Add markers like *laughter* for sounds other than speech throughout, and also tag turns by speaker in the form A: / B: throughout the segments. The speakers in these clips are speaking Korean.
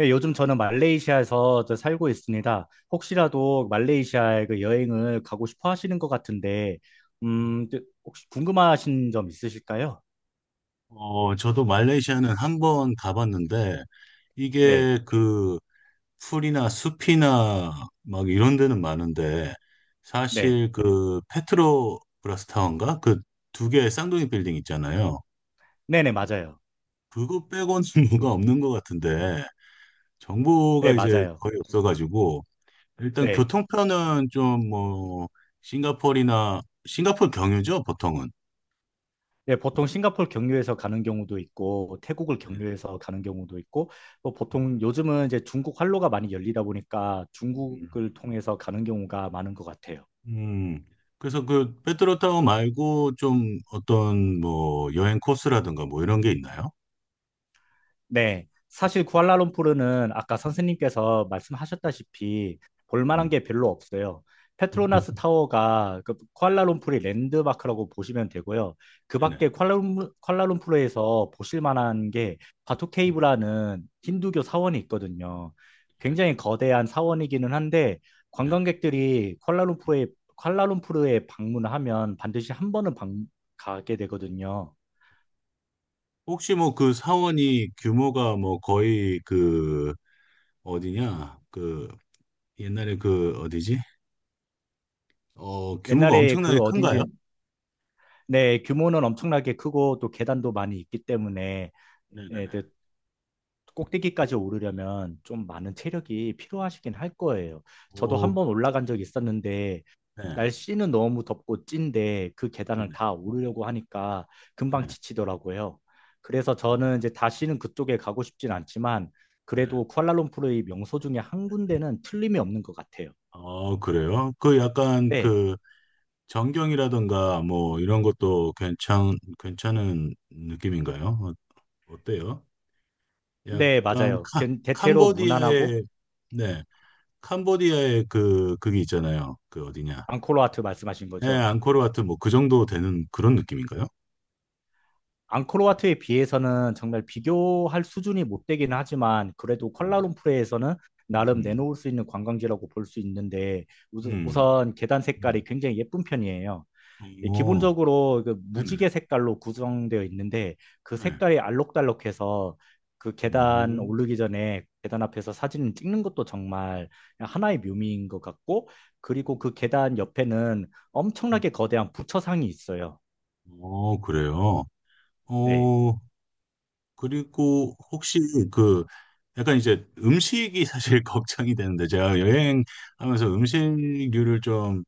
A: 예, 요즘 저는 말레이시아에서 저 살고 있습니다. 혹시라도 말레이시아에 그 여행을 가고 싶어 하시는 것 같은데, 혹시 궁금하신 점 있으실까요?
B: 저도 말레이시아는 한 번 가봤는데,
A: 네,
B: 이게 그 풀이나 숲이나 막 이런 데는 많은데,
A: 네,
B: 사실 그 페트로브라스 타워인가? 그 두 개의 쌍둥이 빌딩 있잖아요.
A: 네네, 맞아요.
B: 그거 빼고는 *laughs* 뭐가 없는 것 같은데,
A: 네,
B: 정보가 이제
A: 맞아요.
B: 거의 없어가지고, 일단
A: 네.
B: 교통편은 좀 뭐, 싱가포르나, 싱가포르 경유죠, 보통은.
A: 네, 보통 싱가포르 경유해서 가는 경우도 있고, 태국을 경유해서 가는 경우도 있고, 뭐 보통 요즘은 이제 중국 활로가 많이 열리다 보니까
B: 음.
A: 중국을 통해서 가는 경우가 많은 것 같아요.
B: 음, 그래서 그 페트로 타워 말고 좀 어떤 뭐 여행 코스라든가 뭐 이런 게 있나요?
A: 네, 사실 쿠알라룸푸르는 아까 선생님께서 말씀하셨다시피 볼 만한
B: 음.
A: 게 별로 없어요.
B: 네,
A: 페트로나스 타워가 그 쿠알라룸푸르의 랜드마크라고 보시면 되고요. 그 밖에
B: 네네.
A: 쿠알라룸푸르에서 보실 만한 게
B: 네,
A: 바투케이브라는 힌두교 사원이 있거든요.
B: 네,
A: 굉장히 거대한 사원이기는 한데
B: 네.
A: 관광객들이 쿠알라룸푸르에 방문하면 반드시 한 번은 가게 되거든요.
B: 혹시 뭐 그 사원이 규모가 뭐 거의 그 어디냐? 그 옛날에 그 어디지? 규모가
A: 옛날에 그
B: 엄청나게 큰가요?
A: 어딘지 네, 규모는 엄청나게 크고 또 계단도 많이 있기 때문에 예,
B: 네네네.
A: 그 꼭대기까지 오르려면 좀 많은 체력이 필요하시긴 할 거예요. 저도 한
B: 오,
A: 번 올라간 적이 있었는데
B: 네,
A: 날씨는 너무 덥고 찐데 그 계단을
B: 네네,
A: 다 오르려고 하니까 금방
B: 네.
A: 지치더라고요. 그래서
B: 어,
A: 저는 이제 다시는 그쪽에 가고 싶진 않지만
B: 네.
A: 그래도 쿠알라룸푸르의 명소 중에 한 군데는 틀림이 없는 것 같아요.
B: 아, 그래요? 그 약간
A: 네,
B: 그 전경이라든가 뭐 이런 것도 괜찮은 느낌인가요? 어때요?
A: 네,
B: 약간
A: 맞아요. 대체로 무난하고
B: 캄보디아의 네 캄보디아의 그 그게 있잖아요. 그 어디냐?
A: 앙코르와트 말씀하신
B: 예,
A: 거죠.
B: 앙코르 와트 뭐 그 정도 되는 그런 느낌인가요?
A: 앙코르와트에 비해서는 정말 비교할 수준이 못 되긴 하지만 그래도
B: 네.
A: 콜라룸푸르에서는
B: 음,
A: 나름
B: 음,
A: 내놓을 수 있는 관광지라고 볼 수 있는데
B: 음.
A: 우선 계단
B: 음.
A: 색깔이 굉장히 예쁜 편이에요.
B: 네.
A: 예,
B: 어,
A: 기본적으로 그
B: 네네.
A: 무지개 색깔로 구성되어 있는데 그
B: 네.
A: 색깔이 알록달록해서 그 계단
B: 음.
A: 오르기 전에 계단 앞에서 사진을 찍는 것도 정말 하나의 묘미인 것 같고, 그리고 그 계단 옆에는
B: 음.
A: 엄청나게 거대한 부처상이 있어요.
B: 어, 그래요.
A: 네.
B: 어, 그리고 혹시 그 약간 이제 음식이 사실 *laughs* 걱정이 되는데 제가 여행하면서 음식류를 좀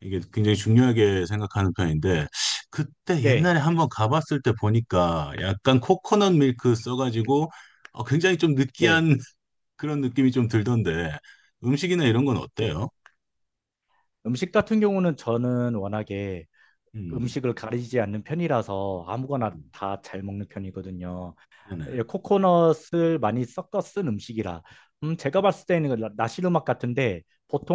B: 이게 굉장히 중요하게 생각하는 편인데 그때
A: 네.
B: 옛날에 한번 가봤을 때 보니까 약간 코코넛 밀크 써가지고 굉장히 좀
A: 네.
B: 느끼한 *laughs* 그런 느낌이 좀 들던데 음식이나 이런 건
A: 네,
B: 어때요?
A: 음식 같은 경우는 저는 워낙에
B: 음,
A: 음식을 가리지 않는 편이라서 아무거나
B: 음,
A: 다 잘 먹는 편이거든요.
B: 네네.
A: 예, 코코넛을 많이 섞어 쓴 음식이라. 제가 봤을 때는 나시르막 같은데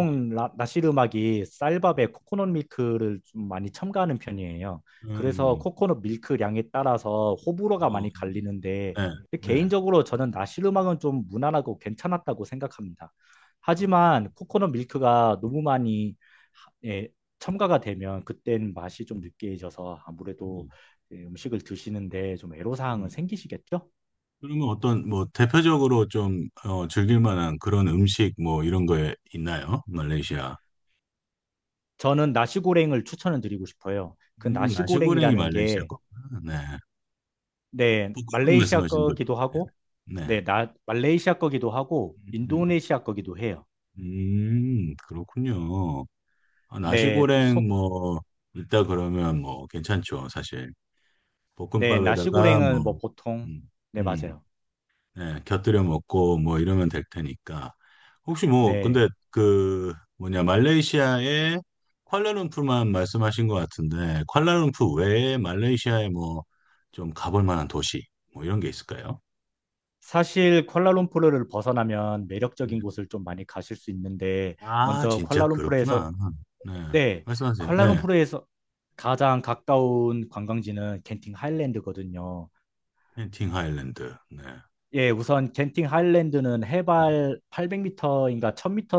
B: 음,
A: 나시르막이 쌀밥에 코코넛 밀크를 좀 많이 첨가하는 편이에요. 그래서
B: 음,
A: 코코넛 밀크량에 따라서 호불호가
B: 어,
A: 많이 갈리는데
B: 네, 네.
A: 개인적으로 저는 나시르막은 좀 무난하고 괜찮았다고 생각합니다.
B: 어,
A: 하지만 코코넛 밀크가 너무 많이 예, 첨가가 되면 그땐 맛이 좀 느끼해져서 아무래도
B: 음,
A: 예, 음식을 드시는데 좀 애로사항은
B: 음.
A: 생기시겠죠?
B: 그러면 어떤 뭐 대표적으로 좀 즐길 만한 그런 음식 뭐 이런 거에 있나요? 말레이시아.
A: 저는 나시고랭을 추천을 드리고 싶어요. 그
B: 나시고랭이
A: 나시고랭이라는
B: 말레이시아
A: 게
B: 거구나. 네.
A: 네,
B: 볶음밥
A: 말레이시아
B: 말씀하시는 거죠?
A: 거기도 하고
B: 네. 네.
A: 네, 나 말레이시아 거기도 하고
B: 음,
A: 인도네시아 거기도 해요.
B: 그렇군요. 아,
A: 네,
B: 나시고랭
A: 속
B: 뭐 있다 그러면 뭐 괜찮죠, 사실.
A: 네,
B: 볶음밥에다가
A: 나시고랭은
B: 뭐
A: 뭐 보통
B: 음,
A: 네,
B: 음.
A: 맞아요.
B: 예, 곁들여 먹고 뭐 이러면 될 테니까. 혹시 뭐 근데
A: 네.
B: 그 뭐냐 말레이시아의 쿠알라룸푸르만 말씀하신 것 같은데 쿠알라룸푸르 외에 말레이시아에 뭐 좀 가볼 만한 도시 뭐 이런 게 있을까요?
A: 사실 콜라룸푸르를 벗어나면
B: 네.
A: 매력적인 곳을 좀 많이 가실 수 있는데
B: 아
A: 먼저
B: 진짜
A: 콜라룸푸르에서
B: 그렇구나. 네
A: 네,
B: 말씀하세요. 네
A: 쿠알라룸푸르에서 가장 가까운 관광지는 genting 하일랜드거든요.
B: 켄팅 하일랜드. 네.
A: 예, 우선 genting 하일랜드는
B: 네.
A: 해발 800m인가 1000m쯤에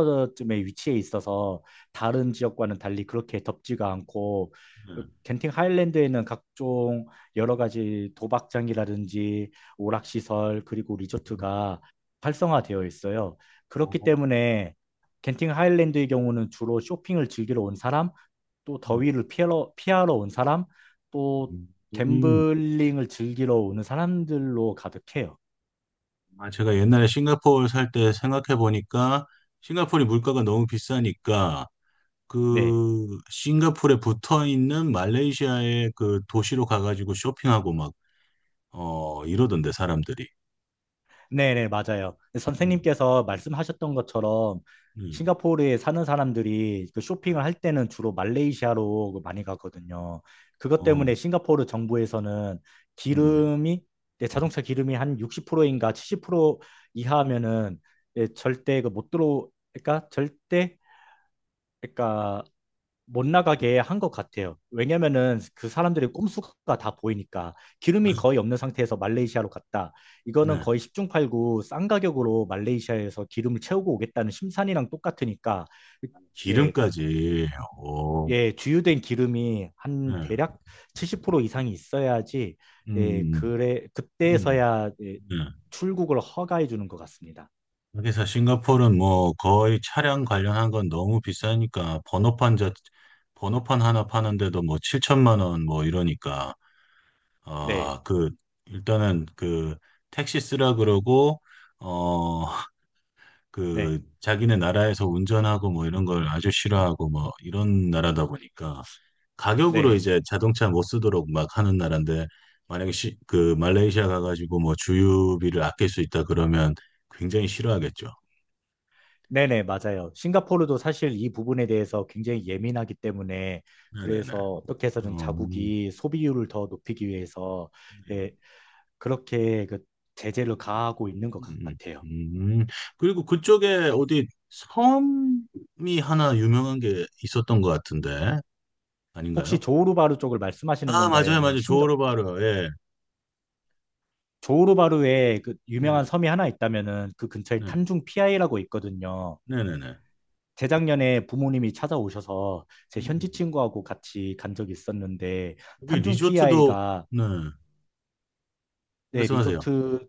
A: 위치해 있어서 다른 지역과는 달리 그렇게 덥지가 않고
B: 네.
A: 겐팅 하일랜드에는 각종 여러 가지 도박장이라든지 오락시설 그리고
B: 음,
A: 리조트가 활성화되어 있어요. 그렇기
B: 어,
A: 때문에 겐팅 하일랜드의 경우는 주로 쇼핑을 즐기러 온 사람, 또
B: 음,
A: 피하러 온 사람, 또
B: 음.
A: 갬블링을 즐기러 오는 사람들로 가득해요.
B: 아, 제가 옛날에 싱가포르 살 때 생각해 보니까 싱가포르 물가가 너무 비싸니까
A: 네.
B: 그 싱가포르에 붙어 있는 말레이시아의 그 도시로 가가지고 쇼핑하고 막, 어, 이러던데, 사람들이.
A: 네네, 맞아요.
B: 음,
A: 선생님께서 말씀하셨던 것처럼
B: 음,
A: 싱가포르에 사는 사람들이 그
B: 네.
A: 쇼핑을 할 때는 주로 말레이시아로 그 많이 가거든요. 그것
B: 어,
A: 때문에 싱가포르 정부에서는
B: 음,
A: 기름이, 네, 자동차 기름이 한 60%인가 70% 이하면은 예, 절대 그 못 들어, 그러니까 절대, 그러니까 못 나가게 한 것 같아요. 왜냐면은 그 사람들의 꼼수가 다 보이니까 기름이 거의 없는 상태에서 말레이시아로 갔다. 이거는
B: 네.
A: 거의 십중팔구 싼 가격으로 말레이시아에서 기름을 채우고 오겠다는 심산이랑 똑같으니까 예,
B: 기름까지, 어,
A: 예, 주유된 기름이 한
B: 네.
A: 대략 70% 이상이 있어야지 예,
B: 음, 음,
A: 그때서야 예,
B: 네.
A: 출국을 허가해 주는 것 같습니다.
B: 그래서 싱가포르는 뭐 거의 차량 관련한 건 너무 비싸니까 번호판 자, 번호판 하나 파는데도 뭐 7천만 원 뭐 이러니까
A: 네,
B: 아, 그, 일단은 그, 택시 쓰라 그러고, 어,
A: 네,
B: 그, 자기네 나라에서 운전하고 뭐 이런 걸 아주 싫어하고 뭐 이런 나라다 보니까 가격으로
A: 네.
B: 이제 자동차 못 쓰도록 막 하는 나라인데, 만약에 시, 그, 말레이시아 가가지고 뭐 주유비를 아낄 수 있다 그러면 굉장히 싫어하겠죠.
A: 네네, 맞아요. 싱가포르도 사실 이 부분에 대해서 굉장히 예민하기 때문에
B: 네네네.
A: 그래서
B: 어,
A: 어떻게 해서든
B: 음,
A: 자국이 소비율을 더 높이기 위해서 예, 그렇게 그 제재를 가하고 있는 것
B: 음,
A: 같아요.
B: 음. 음. 그리고 그쪽에 어디 섬이 하나 유명한 게 있었던 것 같은데,
A: 혹시
B: 아닌가요?
A: 조호르바루 쪽을 말씀하시는
B: 아,
A: 건가요?
B: 맞아요,
A: 아니면
B: 맞아요.
A: 싱가
B: 조호르바르. 예.
A: 조호르바루에 그
B: 네,
A: 유명한 섬이 하나 있다면은 그 근처에
B: 네,
A: 탄중 피아이라고 있거든요.
B: 네, 네, 네.
A: 재작년에 부모님이 찾아오셔서 제 현지
B: 음.
A: 친구하고 같이 간 적이 있었는데
B: 여기
A: 탄중
B: 리조트도,
A: 피아이가
B: 네,
A: 네,
B: 말씀하세요.
A: 리조트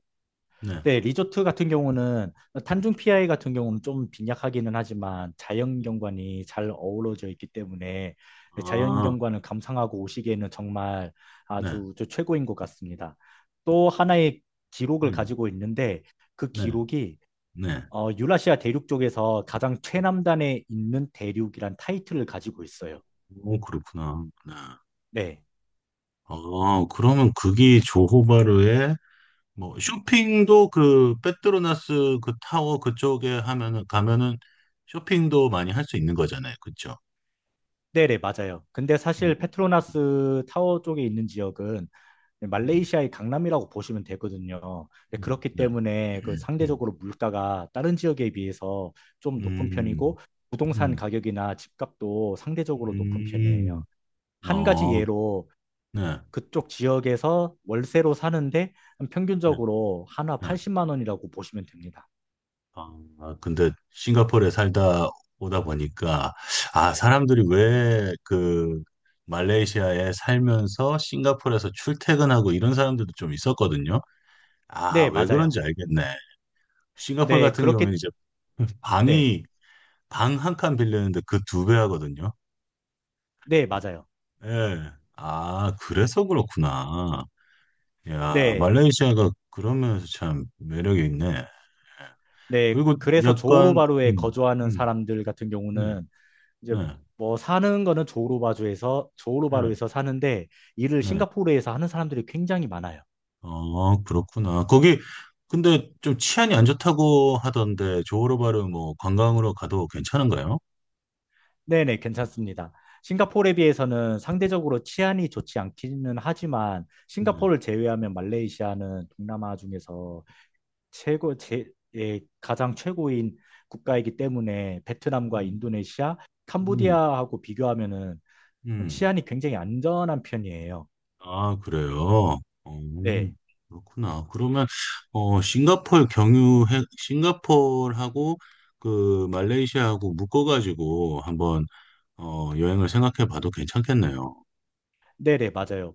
B: 네.
A: 네, 리조트 같은 경우는 탄중 피아이 같은 경우는 좀 빈약하기는 하지만 자연 경관이 잘 어우러져 있기 때문에 네, 자연
B: 아,
A: 경관을 감상하고 오시기에는 정말
B: 네,
A: 아주 저 최고인 것 같습니다. 또 하나의 기록을
B: 음,
A: 가지고 있는데 그
B: 네,
A: 기록이
B: 네.
A: 유라시아 대륙 쪽에서 가장 최남단에 있는 대륙이란 타이틀을 가지고 있어요.
B: 오, 그렇구나. 네.
A: 네.
B: 아, 그러면 그게 조호바르에 뭐 쇼핑도 그 페트로나스 그 타워 그쪽에 하면은 가면은 쇼핑도 많이 할 수 있는 거잖아요. 그렇죠?
A: 네네, 맞아요. 근데
B: 음,
A: 사실
B: 음,
A: 페트로나스 타워 쪽에 있는 지역은
B: 음,
A: 말레이시아의 강남이라고 보시면 되거든요. 그렇기
B: 네.
A: 때문에 그
B: *clears throat* 음,
A: 상대적으로 물가가 다른 지역에 비해서 좀 높은
B: 음.
A: 편이고 부동산
B: 음,
A: 가격이나 집값도 상대적으로 높은
B: 음,
A: 편이에요. 한 가지
B: 어,
A: 예로
B: 네,
A: 그쪽 지역에서 월세로 사는데
B: 네,
A: 평균적으로 하나
B: 네.
A: 80만 원이라고 보시면 됩니다.
B: 아, 근데 싱가포르에 살다 오다 보니까, 아, 사람들이 왜 그 말레이시아에 살면서 싱가포르에서 출퇴근하고 이런 사람들도 좀 있었거든요. 아,
A: 네,
B: 왜
A: 맞아요.
B: 그런지 알겠네. 싱가포르
A: 네,
B: 같은 경우에는
A: 그렇게
B: 이제
A: 네.
B: 방이, 방 한 칸 빌리는데 그 2배 하거든요.
A: 네, 맞아요.
B: 예. 아, 그래서 그렇구나. 야,
A: 네.
B: 말레이시아가 그런 면에서 참 매력이 있네.
A: 네,
B: 그리고
A: 그래서
B: 약간
A: 조호르바루에
B: 음,
A: 거주하는
B: 음,
A: 사람들 같은
B: 네,
A: 경우는 이제
B: 네,
A: 뭐 사는 거는 조호르바주에서
B: 네,
A: 조호르바루에서 사는데 일을
B: 네.
A: 싱가포르에서 하는 사람들이 굉장히 많아요.
B: 어, 그렇구나. 거기 근데 좀 치안이 안 좋다고 하던데 조호르바르 뭐 관광으로 가도 괜찮은가요?
A: 네네, 괜찮습니다. 싱가포르에 비해서는 상대적으로 치안이 좋지 않기는 하지만
B: 네.
A: 싱가포르를 제외하면 말레이시아는 동남아 중에서 최고 제 예, 가장 최고인 국가이기 때문에 베트남과
B: 음,
A: 인도네시아,
B: 음,
A: 캄보디아하고 비교하면은
B: 음.
A: 치안이 굉장히 안전한 편이에요.
B: 아, 그래요. 어,
A: 네.
B: 그렇구나. 그러면 싱가포르 경유해 싱가포르하고 그 말레이시아하고 묶어가지고 한번 여행을 생각해 봐도 괜찮겠네요.
A: 네네, 맞아요.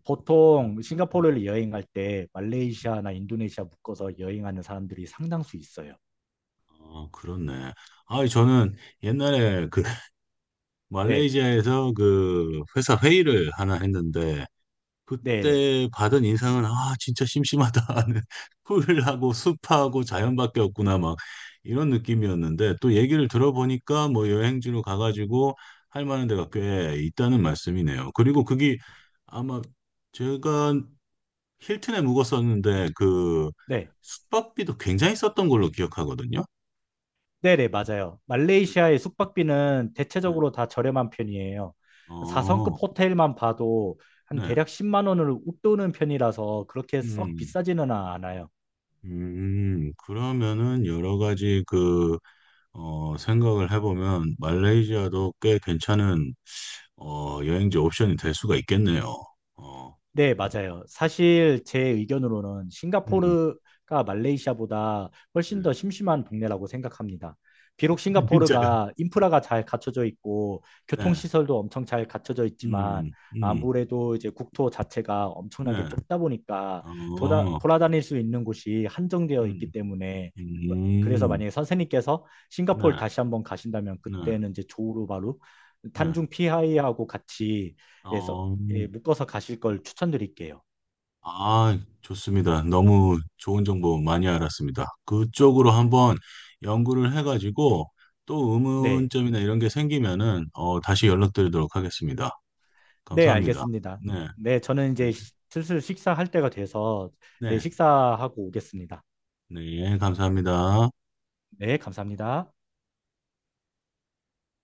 B: 음,
A: 보통
B: 네.
A: 싱가포르를 여행 갈때 말레이시아나 인도네시아 묶어서 여행하는 사람들이 상당수 있어요.
B: 어, 그렇네. 아, 저는 옛날에 그 *laughs*
A: 네,
B: 말레이시아에서 그 회사 회의를 하나 했는데
A: 네네,
B: 그때 받은 인상은 아, 진짜 심심하다. *laughs* 풀하고 숲하고 자연밖에 없구나 막 이런 느낌이었는데 또 얘기를 들어보니까 뭐 여행지로 가가지고 할 만한 데가 꽤 있다는 말씀이네요. 그리고 그게 아마 제가 힐튼에 묵었었는데 그
A: 네,
B: 숙박비도 굉장히 썼던 걸로 기억하거든요.
A: 네네, 맞아요. 말레이시아의 숙박비는
B: 네.
A: 대체적으로 다 저렴한 편이에요. 4성급
B: 어.
A: 호텔만 봐도 한
B: 네.
A: 대략 10만 원을 웃도는 편이라서 그렇게 썩
B: 음,
A: 비싸지는 않아요.
B: 그러면은 여러 가지 그, 생각을 해보면 말레이시아도 꽤 괜찮은, 여행지 옵션이 될 수가 있겠네요. 어,
A: 네, 맞아요. 사실 제 의견으로는
B: 음,
A: 싱가포르가 말레이시아보다
B: 네.
A: 훨씬 더 심심한 동네라고 생각합니다. 비록
B: *laughs* 진짜요?
A: 싱가포르가 인프라가 잘 갖춰져 있고
B: 네.
A: 교통시설도 엄청 잘 갖춰져 있지만
B: 음, 음,
A: 아무래도 이제 국토 자체가 엄청나게
B: 네.
A: 좁다 보니까
B: 어,
A: 돌아다닐 수 있는 곳이 한정되어
B: 음,
A: 있기 때문에 뭐, 그래서
B: 음,
A: 만약에 선생님께서
B: 네,
A: 싱가포르 다시 한번 가신다면
B: 네,
A: 그때는 이제 조우루바루
B: 네.
A: 탄중 피하이하고 같이 해서
B: 어,
A: 예, 묶어서 가실 걸 추천드릴게요.
B: 아, 좋습니다. 너무 좋은 정보 많이 알았습니다. 그쪽으로 한번 연구를 해가지고 또
A: 네.
B: 의문점이나 이런 게 생기면은 다시 연락드리도록 하겠습니다.
A: 네,
B: 감사합니다.
A: 알겠습니다.
B: 네,
A: 네, 저는 이제
B: 네,
A: 슬슬 식사할 때가 돼서 네,
B: 네,
A: 식사하고 오겠습니다.
B: 네, 예, 감사합니다.
A: 네, 감사합니다.